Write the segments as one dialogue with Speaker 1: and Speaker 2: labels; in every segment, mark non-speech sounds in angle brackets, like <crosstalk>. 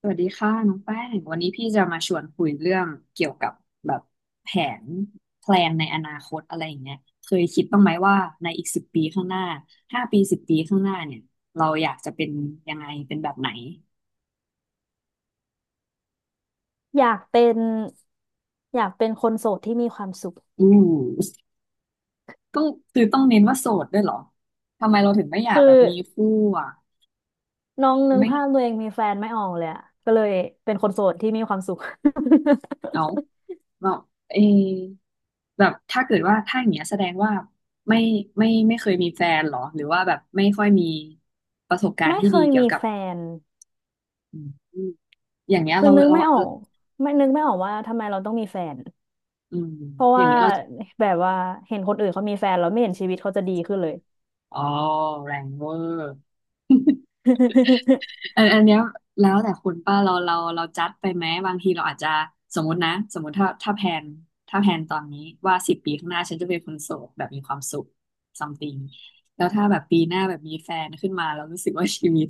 Speaker 1: สวัสดีค่ะน้องแป้งวันนี้พี่จะมาชวนคุยเรื่องเกี่ยวกับแบบแผนแพลนในอนาคตอะไรอย่างเงี้ยเคยคิดบ้างไหมว่าในอีกสิบปีข้างหน้าห้าปีสิบปีข้างหน้าเนี่ยเราอยากจะเป็นยังไงเป็นแบบไหน
Speaker 2: อยากเป็นคนโสดที่มีความสุข
Speaker 1: อู้ต้องคือต้องเน้นว่าโสดด้วยเหรอทำไมเราถึงไม่อยา
Speaker 2: คื
Speaker 1: กแบ
Speaker 2: อ
Speaker 1: บมีคู่อ่ะ
Speaker 2: น้องนึก
Speaker 1: ไม่
Speaker 2: ภาพตัวเองมีแฟนไม่ออกเลยอะก็เลยเป็นคนโสดที่มีความสุข
Speaker 1: เอา
Speaker 2: <laughs>
Speaker 1: เราเอ แบบถ้าเกิดว่าถ้าอย่างเงี้ยแสดงว่าไม่ไม่เคยมีแฟนเหรอหรือว่าแบบไม่ค่อยมีประสบการณ์
Speaker 2: ไม่
Speaker 1: ที่
Speaker 2: เค
Speaker 1: ดี
Speaker 2: ย
Speaker 1: เกี่ยว
Speaker 2: มี
Speaker 1: กับ
Speaker 2: แฟน
Speaker 1: อืมอย่างเงี้ย
Speaker 2: คือ
Speaker 1: เรา
Speaker 2: นึก
Speaker 1: เรา
Speaker 2: ไม่อ
Speaker 1: เอ
Speaker 2: อ
Speaker 1: อ
Speaker 2: กไม่นึกไม่ออกว่าทำไมเราต้องมีแฟน
Speaker 1: อืม
Speaker 2: เพราะ
Speaker 1: อย่าง
Speaker 2: ว่า
Speaker 1: เงี้ยเรา
Speaker 2: แบบว่าเห็นคนอื่นเขามีแฟนแล้วไม่เห็นชีวิตเขาจะดีขึ้นเลย
Speaker 1: อ๋อแรงเวอร์
Speaker 2: <laughs>
Speaker 1: อันเนี้ยแล้วแต่คุณป้าเราจัดไปไหมบางทีเราอาจจะสมมตินะสมมติถ้าแพลนถ้าแพลนตอนนี้ว่าสิบปีข้างหน้าฉันจะเป็นคนโสดแบบมีความสุข something แล้วถ้าแบบปีหน้าแบบมีแฟนขึ้นมาเรารู้สึกว่าชีวิต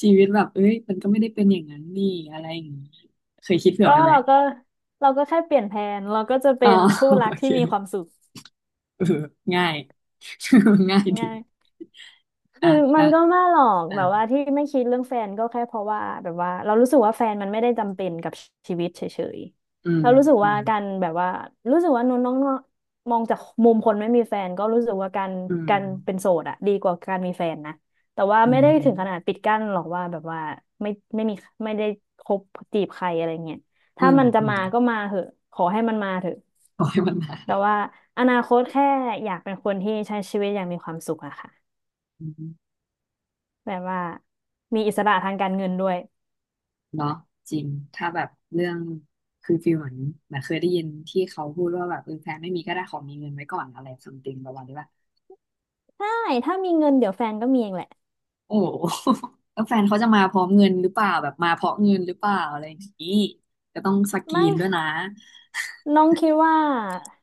Speaker 1: ชีวิตแบบเอ้ยมันก็ไม่ได้เป็นอย่างนั้นนี่อะไรอย่างนี้เคยคิดเผื่อ
Speaker 2: ก็
Speaker 1: ไว้ไหม
Speaker 2: เราก็เราก็แค่เปลี่ยนแผนเราก็จะ
Speaker 1: อ๋
Speaker 2: เป็
Speaker 1: อ
Speaker 2: นคู่
Speaker 1: <laughs>
Speaker 2: รั
Speaker 1: โอ
Speaker 2: ก
Speaker 1: เค
Speaker 2: ที่มีความสุข
Speaker 1: เออง่าย <laughs> ง่ายดี
Speaker 2: ง่าย คื
Speaker 1: อ่ะ
Speaker 2: อมั
Speaker 1: แล้
Speaker 2: น
Speaker 1: ว
Speaker 2: ก็ไม่หรอก
Speaker 1: อ่ะ
Speaker 2: แบบว่าที่ไม่คิดเรื่องแฟนก็แค่เพราะว่าแบบว่าเรารู้สึกว่าแฟนมันไม่ได้จำเป็นกับชีวิตเฉย
Speaker 1: อื
Speaker 2: ๆ
Speaker 1: ม
Speaker 2: เรารู้สึก
Speaker 1: อื
Speaker 2: ว่า
Speaker 1: ม
Speaker 2: การแบบว่ารู้สึกว่าน้องน้องมองจากมุมคนไม่มีแฟนก็รู้สึกว่าการ
Speaker 1: อื
Speaker 2: กา
Speaker 1: ม
Speaker 2: รเป็นโสดอะดีกว่าการมีแฟนนะแต่ว่า
Speaker 1: อื
Speaker 2: ไม่
Speaker 1: ม
Speaker 2: ได้
Speaker 1: อื
Speaker 2: ถึ
Speaker 1: ม
Speaker 2: งขนาดปิดกั้นหรอกว่าแบบว่าไม่ไม่มีไม่ได้คบจีบใครอะไรเงี้ย
Speaker 1: อื
Speaker 2: ถ้า
Speaker 1: ม
Speaker 2: มันจะ
Speaker 1: อืม
Speaker 2: มาก็มาเถอะขอให้มันมาเถอะ
Speaker 1: ปล่อยมันมา <laughs>
Speaker 2: แต่ว่าอนาคตแค่อยากเป็นคนที่ใช้ชีวิตอย่างมีความสุขอะค่ะ
Speaker 1: อืม
Speaker 2: แบบว่ามีอิสระทางการเงินด้วย
Speaker 1: เนาะจริงถ้าแบบเรื่องคือฟีลเหมือนเือเคยได้ยินที่เขาพูดว่าแบบเออแฟนไม่มีก็ได้ขอมีเงินไว้ก่อนอะไรซัมติงประมาณนี้ป่ะ
Speaker 2: ใช่ถ้ามีเงินเดี๋ยวแฟนก็มีเองแหละ
Speaker 1: โอ้ <laughs> โหแล้วแฟนเขาจะมาพร้อมเงินหรือเปล่าแบบมาเพราะเงินหรือเปล่าอะไรอย่างนี้ก็ต้องสกรี
Speaker 2: ไม่
Speaker 1: นด้วยนะ
Speaker 2: น้องคิดว่า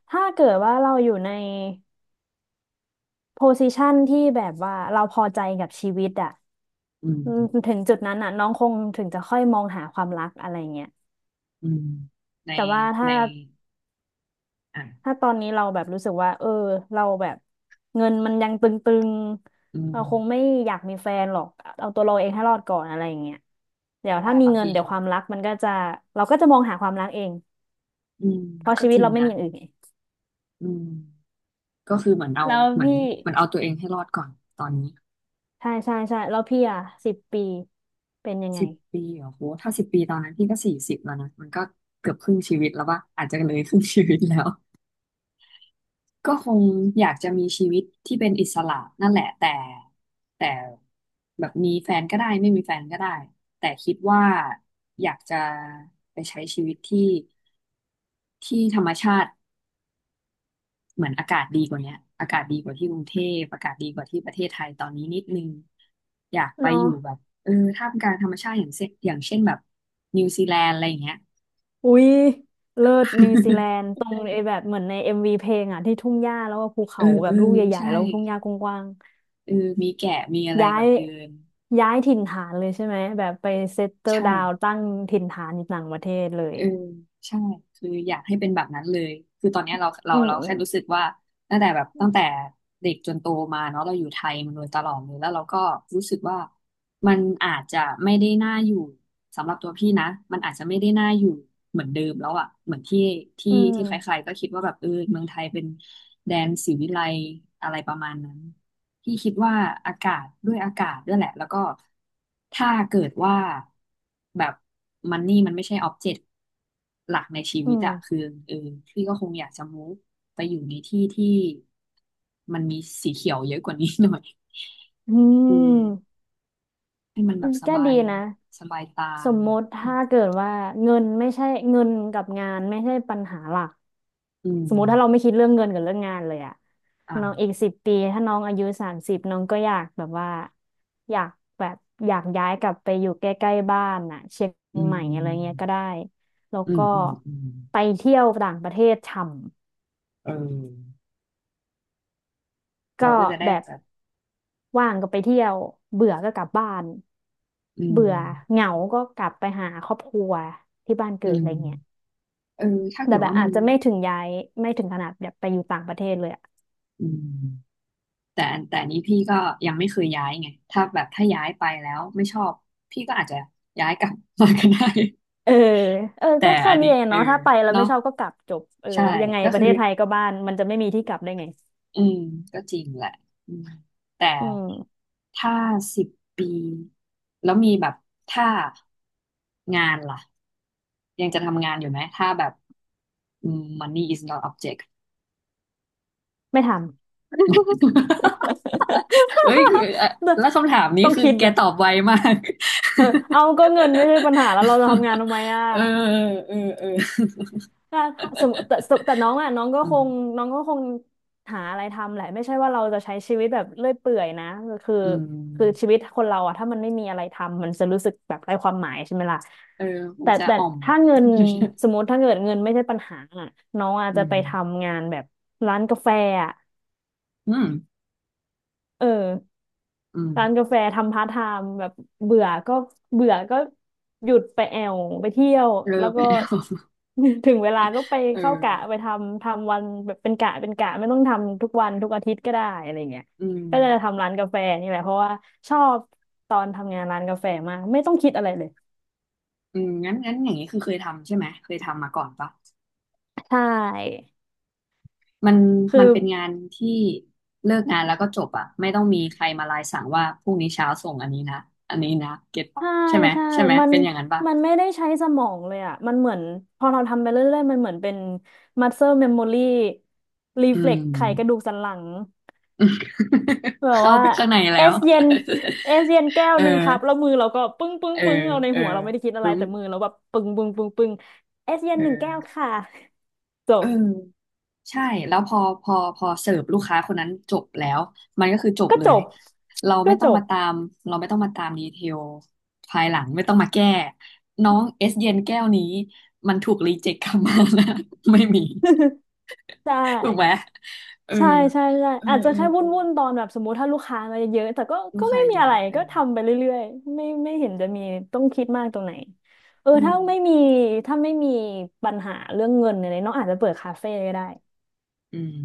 Speaker 2: ถ้าเกิดว่าเราอยู่ในโพซิชันที่แบบว่าเราพอใจกับชีวิตอะ
Speaker 1: อื
Speaker 2: อื
Speaker 1: ม
Speaker 2: มถึงจุดนั้นอะน้องคงถึงจะค่อยมองหาความรักอะไรเงี้ย
Speaker 1: อืมใน
Speaker 2: แต่ว่าถ้า
Speaker 1: ในอ่ะ
Speaker 2: ถ้าตอนนี้เราแบบรู้สึกว่าเออเราแบบเงินมันยังตึง
Speaker 1: อื
Speaker 2: ๆ
Speaker 1: ม
Speaker 2: เราคงไม่อยากมีแฟนหรอกเอาตัวเราเองให้รอดก่อนอะไรเงี้ยเดี๋ยว
Speaker 1: ใช่
Speaker 2: ถ้ามี
Speaker 1: บาง
Speaker 2: เงิน
Speaker 1: ที
Speaker 2: เดี๋ยวความรักมันก็จะเราก็จะมองหาความรักเอง
Speaker 1: อืม
Speaker 2: เพราะ
Speaker 1: ก็
Speaker 2: ชี
Speaker 1: จ
Speaker 2: วิต
Speaker 1: ริง
Speaker 2: เราไม่
Speaker 1: นะ
Speaker 2: มีอย่างอื่นไง
Speaker 1: อืมก็คือเหมือนเอา
Speaker 2: แล้ว
Speaker 1: เหมือน
Speaker 2: พี่
Speaker 1: เหมือนเอาตัวเองให้รอดก่อนตอนนี้
Speaker 2: ใช่แล้วพี่อ่ะสิบปีเป็นยังไง
Speaker 1: สิบปีเหรอโหถ้าสิบปีตอนนั้นพี่ก็สี่สิบแล้วนะมันก็เกือบครึ่งชีวิตแล้วป่ะอาจจะเลยครึ่งชีวิตแล้ว ก็คงอยากจะมีชีวิตที่เป็นอิสระนั่นแหละแต่แบบมีแฟนก็ได้ไม่มีแฟนก็ได้แต่คิดว่าอยากจะไปใช้ชีวิตที่ที่ธรรมชาติเหมือนอากาศดีกว่าเนี้ยอากาศดีกว่าที่กรุงเทพอากาศดีกว่าที่ประเทศไทยตอนนี้นิดนึงอยากไป
Speaker 2: เนาะ
Speaker 1: อยู่แบบเออท่ามกลางธรรมชาติอย่างเช่นแบบนิวซีแลนด์อะไรอย่างเงี้ย
Speaker 2: อุ๊ยเลิศนิวซีแลนด์
Speaker 1: <laughs>
Speaker 2: ตรงไอ้แบบเหมือนในเอ็มวีเพลงอ่ะที่ทุ่งหญ้าแล้วก็ภู
Speaker 1: เอ
Speaker 2: เขา
Speaker 1: อ
Speaker 2: แบ
Speaker 1: เอ
Speaker 2: บ
Speaker 1: อ
Speaker 2: ลูกใหญ่
Speaker 1: ใช่
Speaker 2: ๆแล้วทุ่งหญ้ากว้าง
Speaker 1: เออมีแกะมีอะไร
Speaker 2: ๆย้า
Speaker 1: แบ
Speaker 2: ย
Speaker 1: บเดิน
Speaker 2: ย้ายถิ่นฐานเลยใช่ไหมแบบไปเซตเติล
Speaker 1: ใช่
Speaker 2: ดาวตั้งถิ่นฐานอยู่ต่างประเทศเลย
Speaker 1: เออใช่คืออยากให้เป็นแบบนั้นเลยคือตอนเนี้ยเราเรา
Speaker 2: อืม
Speaker 1: เรา
Speaker 2: อื
Speaker 1: แค่
Speaker 2: ม
Speaker 1: รู้สึกว่าตั้งแต่เด็กจนโตมาเนาะเราอยู่ไทยมาโดยตลอดเลยแล้วเราก็รู้สึกว่ามันอาจจะไม่ได้น่าอยู่สำหรับตัวพี่นะมันอาจจะไม่ได้น่าอยู่เหมือนเดิมแล้วอะเหมือนที่ที่
Speaker 2: อื
Speaker 1: ที่ใคร
Speaker 2: ม
Speaker 1: ๆก็คิดว่าแบบเออเมืองไทยเป็นแดนศรีวิไลย์อะไรประมาณนั้น พี่คิดว่าอากาศด้วยอากาศด้วยแหละแล้วก็ถ้าเกิดว่าแบบมันนี่มันไม่ใช่ออบเจกต์หลักในชี
Speaker 2: อื
Speaker 1: วิตอะคือเออพี่ก็คงอยากจะมูฟไปอยู่ในที่ที่มันมีสีเขียวเยอะกว่านี้หน่อยอืม
Speaker 2: ม
Speaker 1: ให้มันแบ
Speaker 2: อื
Speaker 1: บ
Speaker 2: ม
Speaker 1: ส
Speaker 2: ก็
Speaker 1: บา
Speaker 2: ดี
Speaker 1: ย
Speaker 2: นะ
Speaker 1: สบายตา
Speaker 2: สมมติถ้าเกิดว่าเงินไม่ใช่เงินกับงานไม่ใช่ปัญหาหลัก
Speaker 1: อืม
Speaker 2: สมมติถ้าเราไม่คิดเรื่องเงินกับเรื่องงานเลยอะน้องอีก
Speaker 1: อ่า
Speaker 2: สิบปีถ้าน้องอายุ30น้องก็อยากแบบว่าอยากแบบอยากย้ายกลับไปอยู่ใกล้ๆบ้านน่ะเชียง
Speaker 1: อื
Speaker 2: ใหม่อะไรเงี้ย
Speaker 1: ม
Speaker 2: ก็ได้แล้ว
Speaker 1: อืม
Speaker 2: ก็
Speaker 1: อืมอืม
Speaker 2: ไปเที่ยวต่างประเทศช่
Speaker 1: เออ
Speaker 2: ำ
Speaker 1: เรา
Speaker 2: ก็
Speaker 1: ก็จะได้
Speaker 2: แบบ
Speaker 1: แบบ
Speaker 2: ว่างก็ไปเที่ยวเบื่อก็กลับบ้าน
Speaker 1: อืม
Speaker 2: เบื่อเหงาก็กลับไปหาครอบครัวที่บ้านเกิ
Speaker 1: อื
Speaker 2: ดอะ
Speaker 1: ม
Speaker 2: ไรเงี้ย
Speaker 1: เออถ้าเกิ
Speaker 2: แต่
Speaker 1: ด
Speaker 2: แบบ
Speaker 1: ว่ามั
Speaker 2: อา
Speaker 1: น
Speaker 2: จจะไม่ถึงย้ายไม่ถึงขนาดแบบไปอยู่ต่างประเทศเลยอะ
Speaker 1: อืม แต่แต่อันนี้พี่ก็ยังไม่เคยย้ายไงถ้าแบบถ้าย้ายไปแล้วไม่ชอบพี่ก็อาจจะย้ายกลับมาก็ได้ <laughs>
Speaker 2: เออเออ
Speaker 1: แต่
Speaker 2: ก็แค่
Speaker 1: อัน
Speaker 2: นี้
Speaker 1: นี้
Speaker 2: เอง
Speaker 1: เออ
Speaker 2: เนาะถ้าไปแล้ว
Speaker 1: เนาะ
Speaker 2: ไม่ชอบก็กลับจบเออ
Speaker 1: ใช่
Speaker 2: ยังไง
Speaker 1: ก็
Speaker 2: ประ
Speaker 1: คือ
Speaker 2: เทศไทยก็บ้านมันจะไม่มีที่กลับได้ไง
Speaker 1: อืมก็จริงแหละอืมแต่
Speaker 2: อืม
Speaker 1: ถ้าสิบปีแล้วมีแบบถ้างานล่ะยังจะทำงานอยู่ไหมถ้าแบบอืม money is not object
Speaker 2: ไม่ทำ
Speaker 1: <laughs> เอ้ยอ่ะแล้ว
Speaker 2: <laughs>
Speaker 1: คำถามนี้
Speaker 2: ต้อง
Speaker 1: คือ
Speaker 2: คิด
Speaker 1: แก
Speaker 2: อะ
Speaker 1: ตอบไวมาก
Speaker 2: เออเอาก็เงินไม่ใช่ปัญหาแล้วเราจะทำงาน
Speaker 1: <laughs>
Speaker 2: ทำไมอะ
Speaker 1: เออเออ
Speaker 2: ถ้าถ้าสมมติแต่น้องอ่ะน้องก็
Speaker 1: <laughs> อื
Speaker 2: ค
Speaker 1: ม
Speaker 2: งน้องก็คงหาอะไรทำแหละไม่ใช่ว่าเราจะใช้ชีวิตแบบเลื่อยเปื่อยนะคือ
Speaker 1: อื
Speaker 2: คือชี
Speaker 1: ม
Speaker 2: วิตคนเราอ่ะถ้ามันไม่มีอะไรทำมันจะรู้สึกแบบไร้ความหมายใช่ไหมล่ะ
Speaker 1: เออคง
Speaker 2: แต่
Speaker 1: จะ
Speaker 2: แต่
Speaker 1: อ่อม
Speaker 2: ถ้าเงินสมมติถ้าเกิดเงินไม่ใช่ปัญหาอ่ะน้อง
Speaker 1: <laughs>
Speaker 2: อาจ
Speaker 1: อื
Speaker 2: จะไปท
Speaker 1: ม
Speaker 2: ำงานแบบร้านกาแฟอ่ะ
Speaker 1: อืม
Speaker 2: เออ
Speaker 1: อืม
Speaker 2: ร้านกาแฟทำพาร์ทไทม์แบบเบื่อก็เบื่อก็หยุดไปแอวไปเที่ยว
Speaker 1: เออ
Speaker 2: แล้ว
Speaker 1: ไป
Speaker 2: ก็
Speaker 1: แล้ว
Speaker 2: <laughs> ถึงเวลาก็ไป
Speaker 1: <laughs> เอ
Speaker 2: เข้า
Speaker 1: อ
Speaker 2: กะไปทำทำวันแบบเป็นกะเป็นกะไม่ต้องทำทุกวันทุกอาทิตย์ก็ได้อะไรเงี้ย
Speaker 1: อืม
Speaker 2: ก็จะทำร้านกาแฟนี่แหละเพราะว่าชอบตอนทำงานร้านกาแฟมากไม่ต้องคิดอะไรเลย
Speaker 1: อืมงั้นอย่างนี้คือเคยทำใช่ไหม เคยทำมาก่อนปะ
Speaker 2: ใช่
Speaker 1: มันมั
Speaker 2: คื
Speaker 1: น
Speaker 2: อ
Speaker 1: เป็นงานที่เลิกงานแล้วก็จบอ่ะไม่ต้องมีใครมาลายสั่งว่าพรุ่งนี้เช้าส่งอันนี้นะ อันนี้นะเก็ตปะ
Speaker 2: ใช่
Speaker 1: ใช่ไหม
Speaker 2: ใช่
Speaker 1: ใช่ไหม
Speaker 2: มัน
Speaker 1: เป็นอย่างนั้นปะ
Speaker 2: มันไม่ได้ใช้สมองเลยอ่ะ มันเหมือนพอเราทำไปเรื่อยๆ มันเหมือนเป็น muscle memory
Speaker 1: อืม
Speaker 2: reflex ไขกระดูกสันหลัง
Speaker 1: <laughs>
Speaker 2: แบบ
Speaker 1: เข้า
Speaker 2: ว่า
Speaker 1: ไปข้างใน
Speaker 2: เอ
Speaker 1: แล้ว
Speaker 2: สเย็น <laughs> เอสเย็นแก้
Speaker 1: <laughs>
Speaker 2: ว
Speaker 1: เออ
Speaker 2: หนึ่งครับแล้วมือเราก็ปึ้งปึ้ง
Speaker 1: เออ
Speaker 2: ปึ้งเราใน
Speaker 1: เออ
Speaker 2: หัวเราไม่ได้คิดอะไร
Speaker 1: ปึ๊ม
Speaker 2: แต่มือเราแบบปึ้งปึ้งปึ้งปึ้งเอสเย็
Speaker 1: เ
Speaker 2: นหนึ่งแก้ว
Speaker 1: ออ
Speaker 2: ค่ะจ
Speaker 1: เออ
Speaker 2: บ
Speaker 1: ใช่แล้วพอเสิร์ฟลูกค้าคนนั้นจบแล้วมันก็คือจบ
Speaker 2: ก็
Speaker 1: เล
Speaker 2: จ
Speaker 1: ย
Speaker 2: บ
Speaker 1: เรา
Speaker 2: ก็
Speaker 1: ไม่ต้
Speaker 2: จ
Speaker 1: อง
Speaker 2: บ
Speaker 1: มาตามเราไม่ต้องมาตามดีเทลภายหลังไม่ต้องมาแก้น้องเอสเย็นแก้วนี้มันถูกรีเจ็คกลับมานะ <laughs> ไม่มี
Speaker 2: <laughs> ใช่
Speaker 1: ถูกไหมเออ
Speaker 2: ใช่ใช่
Speaker 1: เออ
Speaker 2: อาจจะ
Speaker 1: เออ
Speaker 2: แค่
Speaker 1: เอ
Speaker 2: วุ่
Speaker 1: อ
Speaker 2: นวุ่นตอนแบบสมมติถ้าลูกค้ามาเยอะๆแต่ก็
Speaker 1: ลูก
Speaker 2: ก็ไม่
Speaker 1: ค้า
Speaker 2: มี
Speaker 1: เย
Speaker 2: อะ
Speaker 1: อะ
Speaker 2: ไร
Speaker 1: เออ
Speaker 2: ก็ทำไปเรื่อยๆไม่เห็นจะมีต้องคิดมากตรงไหนเออ
Speaker 1: เออ
Speaker 2: ถ้าไม่มีถ้าไม่มีปัญหาเรื่องเงินอะไรน้องอาจจะเปิดคาเฟ่ก็ได้
Speaker 1: อืม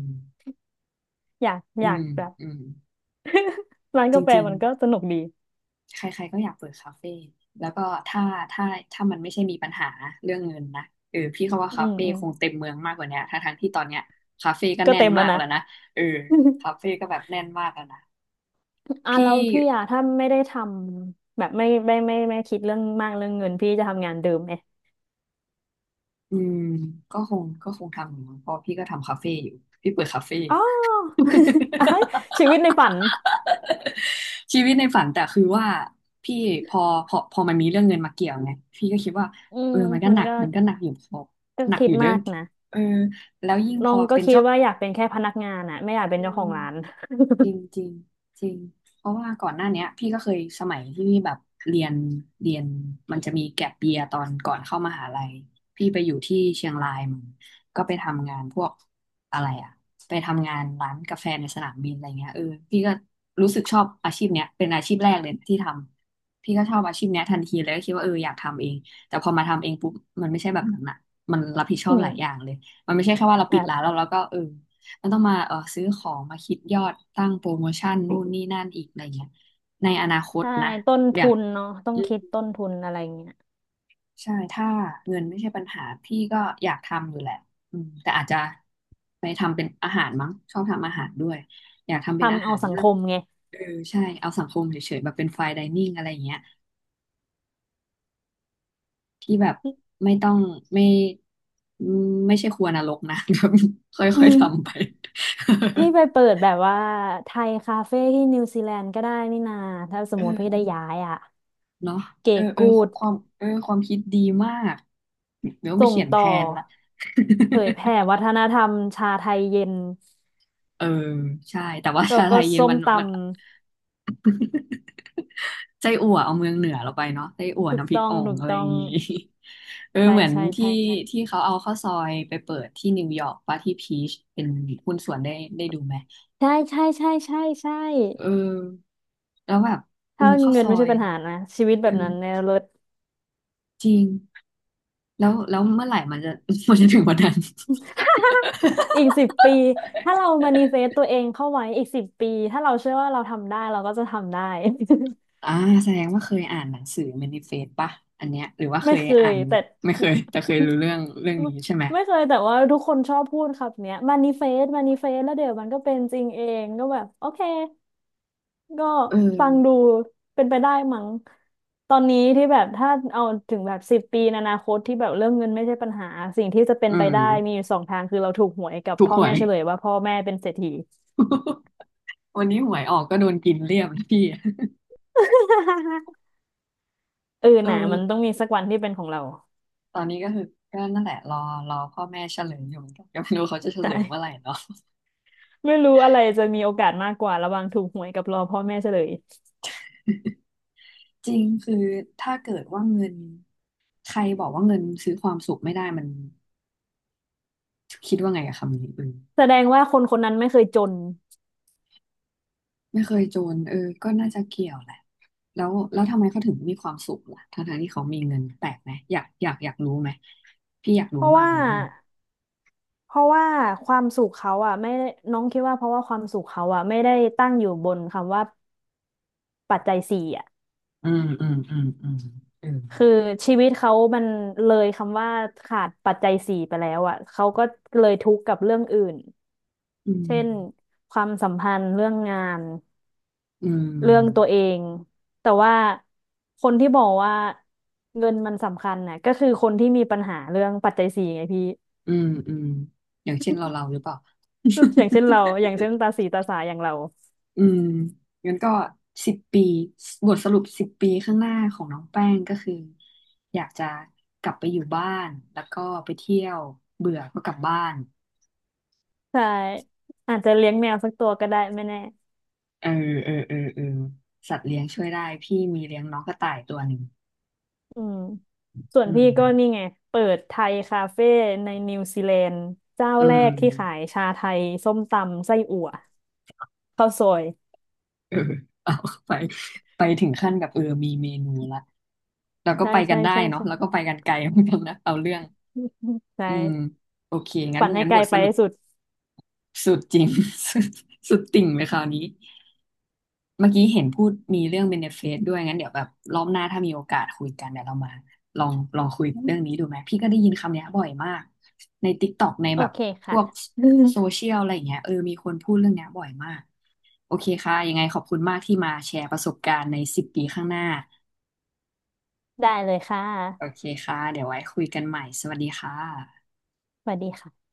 Speaker 2: อยาก
Speaker 1: อื
Speaker 2: อยา
Speaker 1: ม
Speaker 2: กแบบ
Speaker 1: อืม
Speaker 2: ร้าน
Speaker 1: จ
Speaker 2: กาแฟ
Speaker 1: ริง
Speaker 2: มันก็สนุกดี
Speaker 1: ๆใครๆก็อยากเปิดคาเฟ่แล้วก็ถ้าถ้าถ้ามันไม่ใช่มีปัญหาเรื่องเงินนะพี่เขาว่า
Speaker 2: อื
Speaker 1: คา
Speaker 2: ม
Speaker 1: เฟ่
Speaker 2: อืม
Speaker 1: คงเต็มเมืองมากกว่าเนี้ยทั้งที่ตอนเนี้ยคาเฟ่ก็
Speaker 2: ก็
Speaker 1: แน่
Speaker 2: เต็
Speaker 1: น
Speaker 2: มแล้
Speaker 1: มา
Speaker 2: ว
Speaker 1: ก
Speaker 2: นะ
Speaker 1: แล้วนะเออคาเฟ่
Speaker 2: <laughs>
Speaker 1: ก็แบบแน่นมากแล้วนะ
Speaker 2: อ่ะแล้
Speaker 1: พี่
Speaker 2: วพี่อ่ะถ้าไม่ได้ทำแบบไม่คิดเรื่องมากเรื่องเงินพี่จะทำงานเดิมไหม
Speaker 1: อืมก็คงทำอยู่มั้งเพราะพี่ก็ทำคาเฟ่อยู่พี่เปิดคาเฟ่
Speaker 2: อ๋อ <laughs> ชีวิตในฝัน
Speaker 1: <laughs> ชีวิตในฝันแต่คือว่าพี่พอพอมันมีเรื่องเงินมาเกี่ยวไงพี่ก็คิดว่า
Speaker 2: อืม
Speaker 1: มันก็
Speaker 2: มั
Speaker 1: ห
Speaker 2: น
Speaker 1: นัก
Speaker 2: ก็
Speaker 1: มันก็หนักอยู่พอหนัก
Speaker 2: คิ
Speaker 1: อ
Speaker 2: ด
Speaker 1: ยู่เด้อ
Speaker 2: มากนะ
Speaker 1: เออแล้วยิ่งพ
Speaker 2: น้อ
Speaker 1: อ
Speaker 2: งก็
Speaker 1: เป็น
Speaker 2: คิด
Speaker 1: เจ้า
Speaker 2: ว่า
Speaker 1: ขอ
Speaker 2: อยากเป็นแค่พนักงานอะไม่อยากเป็นเจ้าของร้าน
Speaker 1: ง จริงจริงจริงเพราะว่าก่อนหน้าเนี้ยพี่ก็เคยสมัยที่พี่แบบเรียนเรียนมันจะมีแก็ปเยียตอนก่อนเข้ามหาลัยพี่ไปอยู่ที่เชียงรายมันก็ไปทำงานพวกอะไรอะไปทำงานร้านกาแฟในสนามบินอะไรเงี้ยเออพี่ก็รู้สึกชอบอาชีพเนี้ยเป็นอาชีพแรกเลยที่ทำพี่ก็ชอบอาชีพเนี้ยทันทีเลยก็คิดว่าเอออยากทำเองแต่พอมาทำเองปุ๊บมันไม่ใช่แบบนั้นอะมันรับผิดช
Speaker 2: <laughs>
Speaker 1: อ
Speaker 2: อื
Speaker 1: บห
Speaker 2: ม
Speaker 1: ลายอย่างเลยมันไม่ใช่แค่ว่าเราปิด
Speaker 2: แบบ
Speaker 1: ร้านแล้วเราก็เออ แล้วต้องมาซื้อของมาคิดยอดตั้งโปรโมชั่นนู่นนี่นั่นอีกอะไรเงี้ยในอนาคต
Speaker 2: ใช่
Speaker 1: นะ
Speaker 2: ต้น
Speaker 1: อย่า
Speaker 2: ทุ
Speaker 1: ง
Speaker 2: นเนาะต้อง
Speaker 1: อื
Speaker 2: คิด
Speaker 1: ม
Speaker 2: ต้นทุนอะไรเงี้ย
Speaker 1: ใช่ถ้าเงินไม่ใช่ปัญหาพี่ก็อยากทำอยู่แหละอืมแต่อาจจะไปทำเป็นอาหารมั้งชอบทำอาหารด้วยอยากทำเป็นอา
Speaker 2: ทำเอา
Speaker 1: หาร
Speaker 2: สัง
Speaker 1: มา
Speaker 2: ค
Speaker 1: ก
Speaker 2: มไง
Speaker 1: เออใช่เอาสังคมเฉยๆแบบเป็นไฟน์ไดนิ่งอะไรอย่างเงี้ยที่แบบไม่ต้องไม่อืมไม่ใช่ครัวนรกนะ <laughs> แบบค่
Speaker 2: อื
Speaker 1: อยๆ
Speaker 2: ม
Speaker 1: ทำไป
Speaker 2: พี่ไปเปิดแบบว่าไทยคาเฟ่ที่นิวซีแลนด์ก็ได้นี่นาถ้าสมมติพี่ได้
Speaker 1: เออ
Speaker 2: ย้ายอะ
Speaker 1: เนาะเอ
Speaker 2: เก๋
Speaker 1: อเออ
Speaker 2: กูด
Speaker 1: ความความคิดดีมากเดี๋ยวไป
Speaker 2: ส่ง
Speaker 1: เขียนแท
Speaker 2: ต่อ
Speaker 1: นละ
Speaker 2: เผยแผ่
Speaker 1: <laughs>
Speaker 2: วัฒนธรรมชาไทยเย็น
Speaker 1: เออใช่แต่ว่า
Speaker 2: แล้ว
Speaker 1: ชาไท
Speaker 2: ก็
Speaker 1: ยเย็น
Speaker 2: ส้ม
Speaker 1: มัน
Speaker 2: ต
Speaker 1: มัน <laughs> ไส้อั่วเอาเมืองเหนือเราไปเนาะไส้อั่
Speaker 2: ำ
Speaker 1: ว
Speaker 2: ถูก
Speaker 1: น้ำพริ
Speaker 2: ต้
Speaker 1: ก
Speaker 2: อง
Speaker 1: อ่อง
Speaker 2: ถูก
Speaker 1: อะไร
Speaker 2: ต้อ
Speaker 1: อย่า
Speaker 2: ง
Speaker 1: งงี้ <laughs> เออ
Speaker 2: ใช่
Speaker 1: เหมือน
Speaker 2: ใช่
Speaker 1: ที่
Speaker 2: ใช่ใช่
Speaker 1: ที่เขาเอาข้าวซอยไปเปิดที่นิวยอร์กป่ะที่พีชเป็นหุ้นส่วนได้ได้ดูไหม
Speaker 2: ใช่ใช่ใช่ใช่ใช่
Speaker 1: เออแล้วแบบเออ
Speaker 2: ถ้า
Speaker 1: ข้าว
Speaker 2: เงิ
Speaker 1: ซ
Speaker 2: น
Speaker 1: อ
Speaker 2: ไม่ใช่
Speaker 1: ย
Speaker 2: ปัญหานะชีวิต
Speaker 1: เอ
Speaker 2: แบ
Speaker 1: อ
Speaker 2: บนั้นในวรถ
Speaker 1: จริงแล้วเมื่อไหร่มันจะ <laughs> มันจะถึงวันนั้น
Speaker 2: <laughs> อีกสิบปีถ้าเรามานิเฟสตัวเองเข้าไว้อีกสิบปีถ้าเราเชื่อว่าเราทำได้เราก็จะทำได้ <laughs>
Speaker 1: อ่าแสดงว่าเคยอ่านหนังสือ Manifest ป่ะอันเนี้ยหรือว่าเค
Speaker 2: ไม่
Speaker 1: ย
Speaker 2: เค
Speaker 1: อ่า
Speaker 2: ย
Speaker 1: น
Speaker 2: แต่
Speaker 1: ไม่เคย <laughs> แต่เคยรู้เรื่องเรื่อง
Speaker 2: <laughs> ไม่
Speaker 1: นี้ใช่ไหม
Speaker 2: ไม่เคยแต่ว่าทุกคนชอบพูดครับเนี้ยมานิเฟสมานิเฟสแล้วเดี๋ยวมันก็เป็นจริงเองก็แบบโอเค ก็
Speaker 1: เออ
Speaker 2: ฟังดูเป็นไปได้มั้งตอนนี้ที่แบบถ้าเอาถึงแบบสิบปีในอนาคตที่แบบเรื่องเงินไม่ใช่ปัญหาสิ่งที่จะเป็น
Speaker 1: อื
Speaker 2: ไป
Speaker 1: ม
Speaker 2: ได้มีอยู่สองทางคือเราถูกหวยกับ
Speaker 1: ถูก
Speaker 2: พ่อ
Speaker 1: หว
Speaker 2: แม่
Speaker 1: ย
Speaker 2: เฉลยว่าพ่อแม่เป็นเศรษฐี
Speaker 1: <laughs> วันนี้หวยออกก็โดนกินเรียบเลยพี่ <laughs>
Speaker 2: <laughs> เออ
Speaker 1: เออ
Speaker 2: น่ะมันต้องมีสักวันที่เป็นของเรา
Speaker 1: ตอนนี้ก็คือก็นั่นแหละรอรอพ่อแม่เฉลยอยู่เหมือนกัน <laughs> ก็ไม่รู้เขาจะเฉ
Speaker 2: <laughs> ใช
Speaker 1: ลยเมื่อไหร่
Speaker 2: ่
Speaker 1: เนาะ
Speaker 2: ไม่รู้อะไรจะมีโอกาสมากกว่าระหว่างถูกหวยกับรอพ่อแม่เฉลย
Speaker 1: จริงคือถ้าเกิดว่าเงินใครบอกว่าเงินซื้อความสุขไม่ได้มันคิดว่าไงกับคำนี้อืม
Speaker 2: แสดงว่าคนคนนั้นไม่เคยจน
Speaker 1: ไม่เคยจนเออก็น่าจะเกี่ยวแหละ แล้วแล้วทำไมเขาถึงมีความสุขล่ะทั้งทที่เขามีเงินแปลกไหมอยากรู้ไหมพี่อยาก
Speaker 2: เพ
Speaker 1: รู้
Speaker 2: ราะ
Speaker 1: มาก
Speaker 2: ว่า
Speaker 1: เลยเรื่อง
Speaker 2: เพราะว่าความสุขเขาอ่ะไม่ได้น้องคิดว่าเพราะว่าความสุขเขาอ่ะไม่ได้ตั้งอยู่บนคำว่า ปัจจัยสี่อ่ะ
Speaker 1: อืมอืมอืมอืมเอื
Speaker 2: คือชีวิตเขามันเลยคำว่าขาดปัจจัยสี่ไปแล้วอ่ะเขาก็เลยทุกข์กับเรื่องอื่น
Speaker 1: ม
Speaker 2: เช่นความสัมพันธ์เรื่องงาน
Speaker 1: อืมอืม
Speaker 2: เรื่องตัวเองแต่ว่าคนที่บอกว่าเงินมันสำคัญน่ะก็คือคนที่มีปัญหาเรื่องปัจจัยสี่ไงพี่
Speaker 1: อืมอืมอย่างเช่นเราเราหรือเปล่า
Speaker 2: <laughs> อย่างเช่นเราอย่างเช่นตาสีตาสาอย่างเรา
Speaker 1: <laughs> อืมงั้นก็สิบปีบทสรุปสิบปีข้างหน้าของน้องแป้งก็คืออยากจะกลับไปอยู่บ้านแล้วก็ไปเที่ยวเบื่อก็กลับบ้าน
Speaker 2: ใช่อาจจะเลี้ยงแมวสักตัวก็ได้ไม่แน่
Speaker 1: เออเออเออเออสัตว์เลี้ยงช่วยได้พี่มีเลี้ยงน้องกระต่ายตัวหนึ่ง
Speaker 2: อืมส่วน
Speaker 1: อื
Speaker 2: พี่
Speaker 1: ม
Speaker 2: ก็นี่ไงเปิดไทยคาเฟ่ในนิวซีแลนด์เจ้า
Speaker 1: อื
Speaker 2: แร
Speaker 1: ม
Speaker 2: กที่ขายชาไทยส้มตำไส้อั่วข้าวซอย
Speaker 1: เออ <laughs> เอาไปไปถึงขั้นกับมีเมนูละเราก็
Speaker 2: ใช่
Speaker 1: ไปกั
Speaker 2: ใช่
Speaker 1: นได้
Speaker 2: ใช่
Speaker 1: เนาะ
Speaker 2: ใช่
Speaker 1: แล้วก็ไปกันไกลเหมือนกันนะเอาเรื่อง
Speaker 2: <laughs> ใช
Speaker 1: อืม
Speaker 2: ่
Speaker 1: โอเคงั้น
Speaker 2: ฝันให้
Speaker 1: งั้น
Speaker 2: ไก
Speaker 1: บ
Speaker 2: ล
Speaker 1: ทส
Speaker 2: ไป
Speaker 1: รุป
Speaker 2: ให้สุด
Speaker 1: สุดจริง <laughs> สุดติ่งเลยคราวนี้ เมื่อกี้เห็นพูดมีเรื่องเบเนฟิตด้วยงั้นเดี๋ยวแบบรอบหน้าถ้ามีโอกาสคุยกันเดี๋ยวเรามาลองคุยกันเรื่องนี้ดูไหมพี่ก็ได้ยินคำเนี้ยบ่อยมากใน TikTok ใน
Speaker 2: โอ
Speaker 1: แบบ
Speaker 2: เค
Speaker 1: พ
Speaker 2: ค่ะ
Speaker 1: วก
Speaker 2: <laughs>
Speaker 1: โซเชียลอะไรอย่างเงี้ยเออมีคนพูดเรื่องเนี้ยบ่อยมากโอเคค่ะยังไงขอบคุณมากที่มาแชร์ประสบการณ์ในสิบปีข้างหน้า
Speaker 2: ได้เลยค่ะ
Speaker 1: โอเคค่ะเดี๋ยวไว้คุยกันใหม่สวัสดีค่ะ
Speaker 2: สวัสดีค่ะ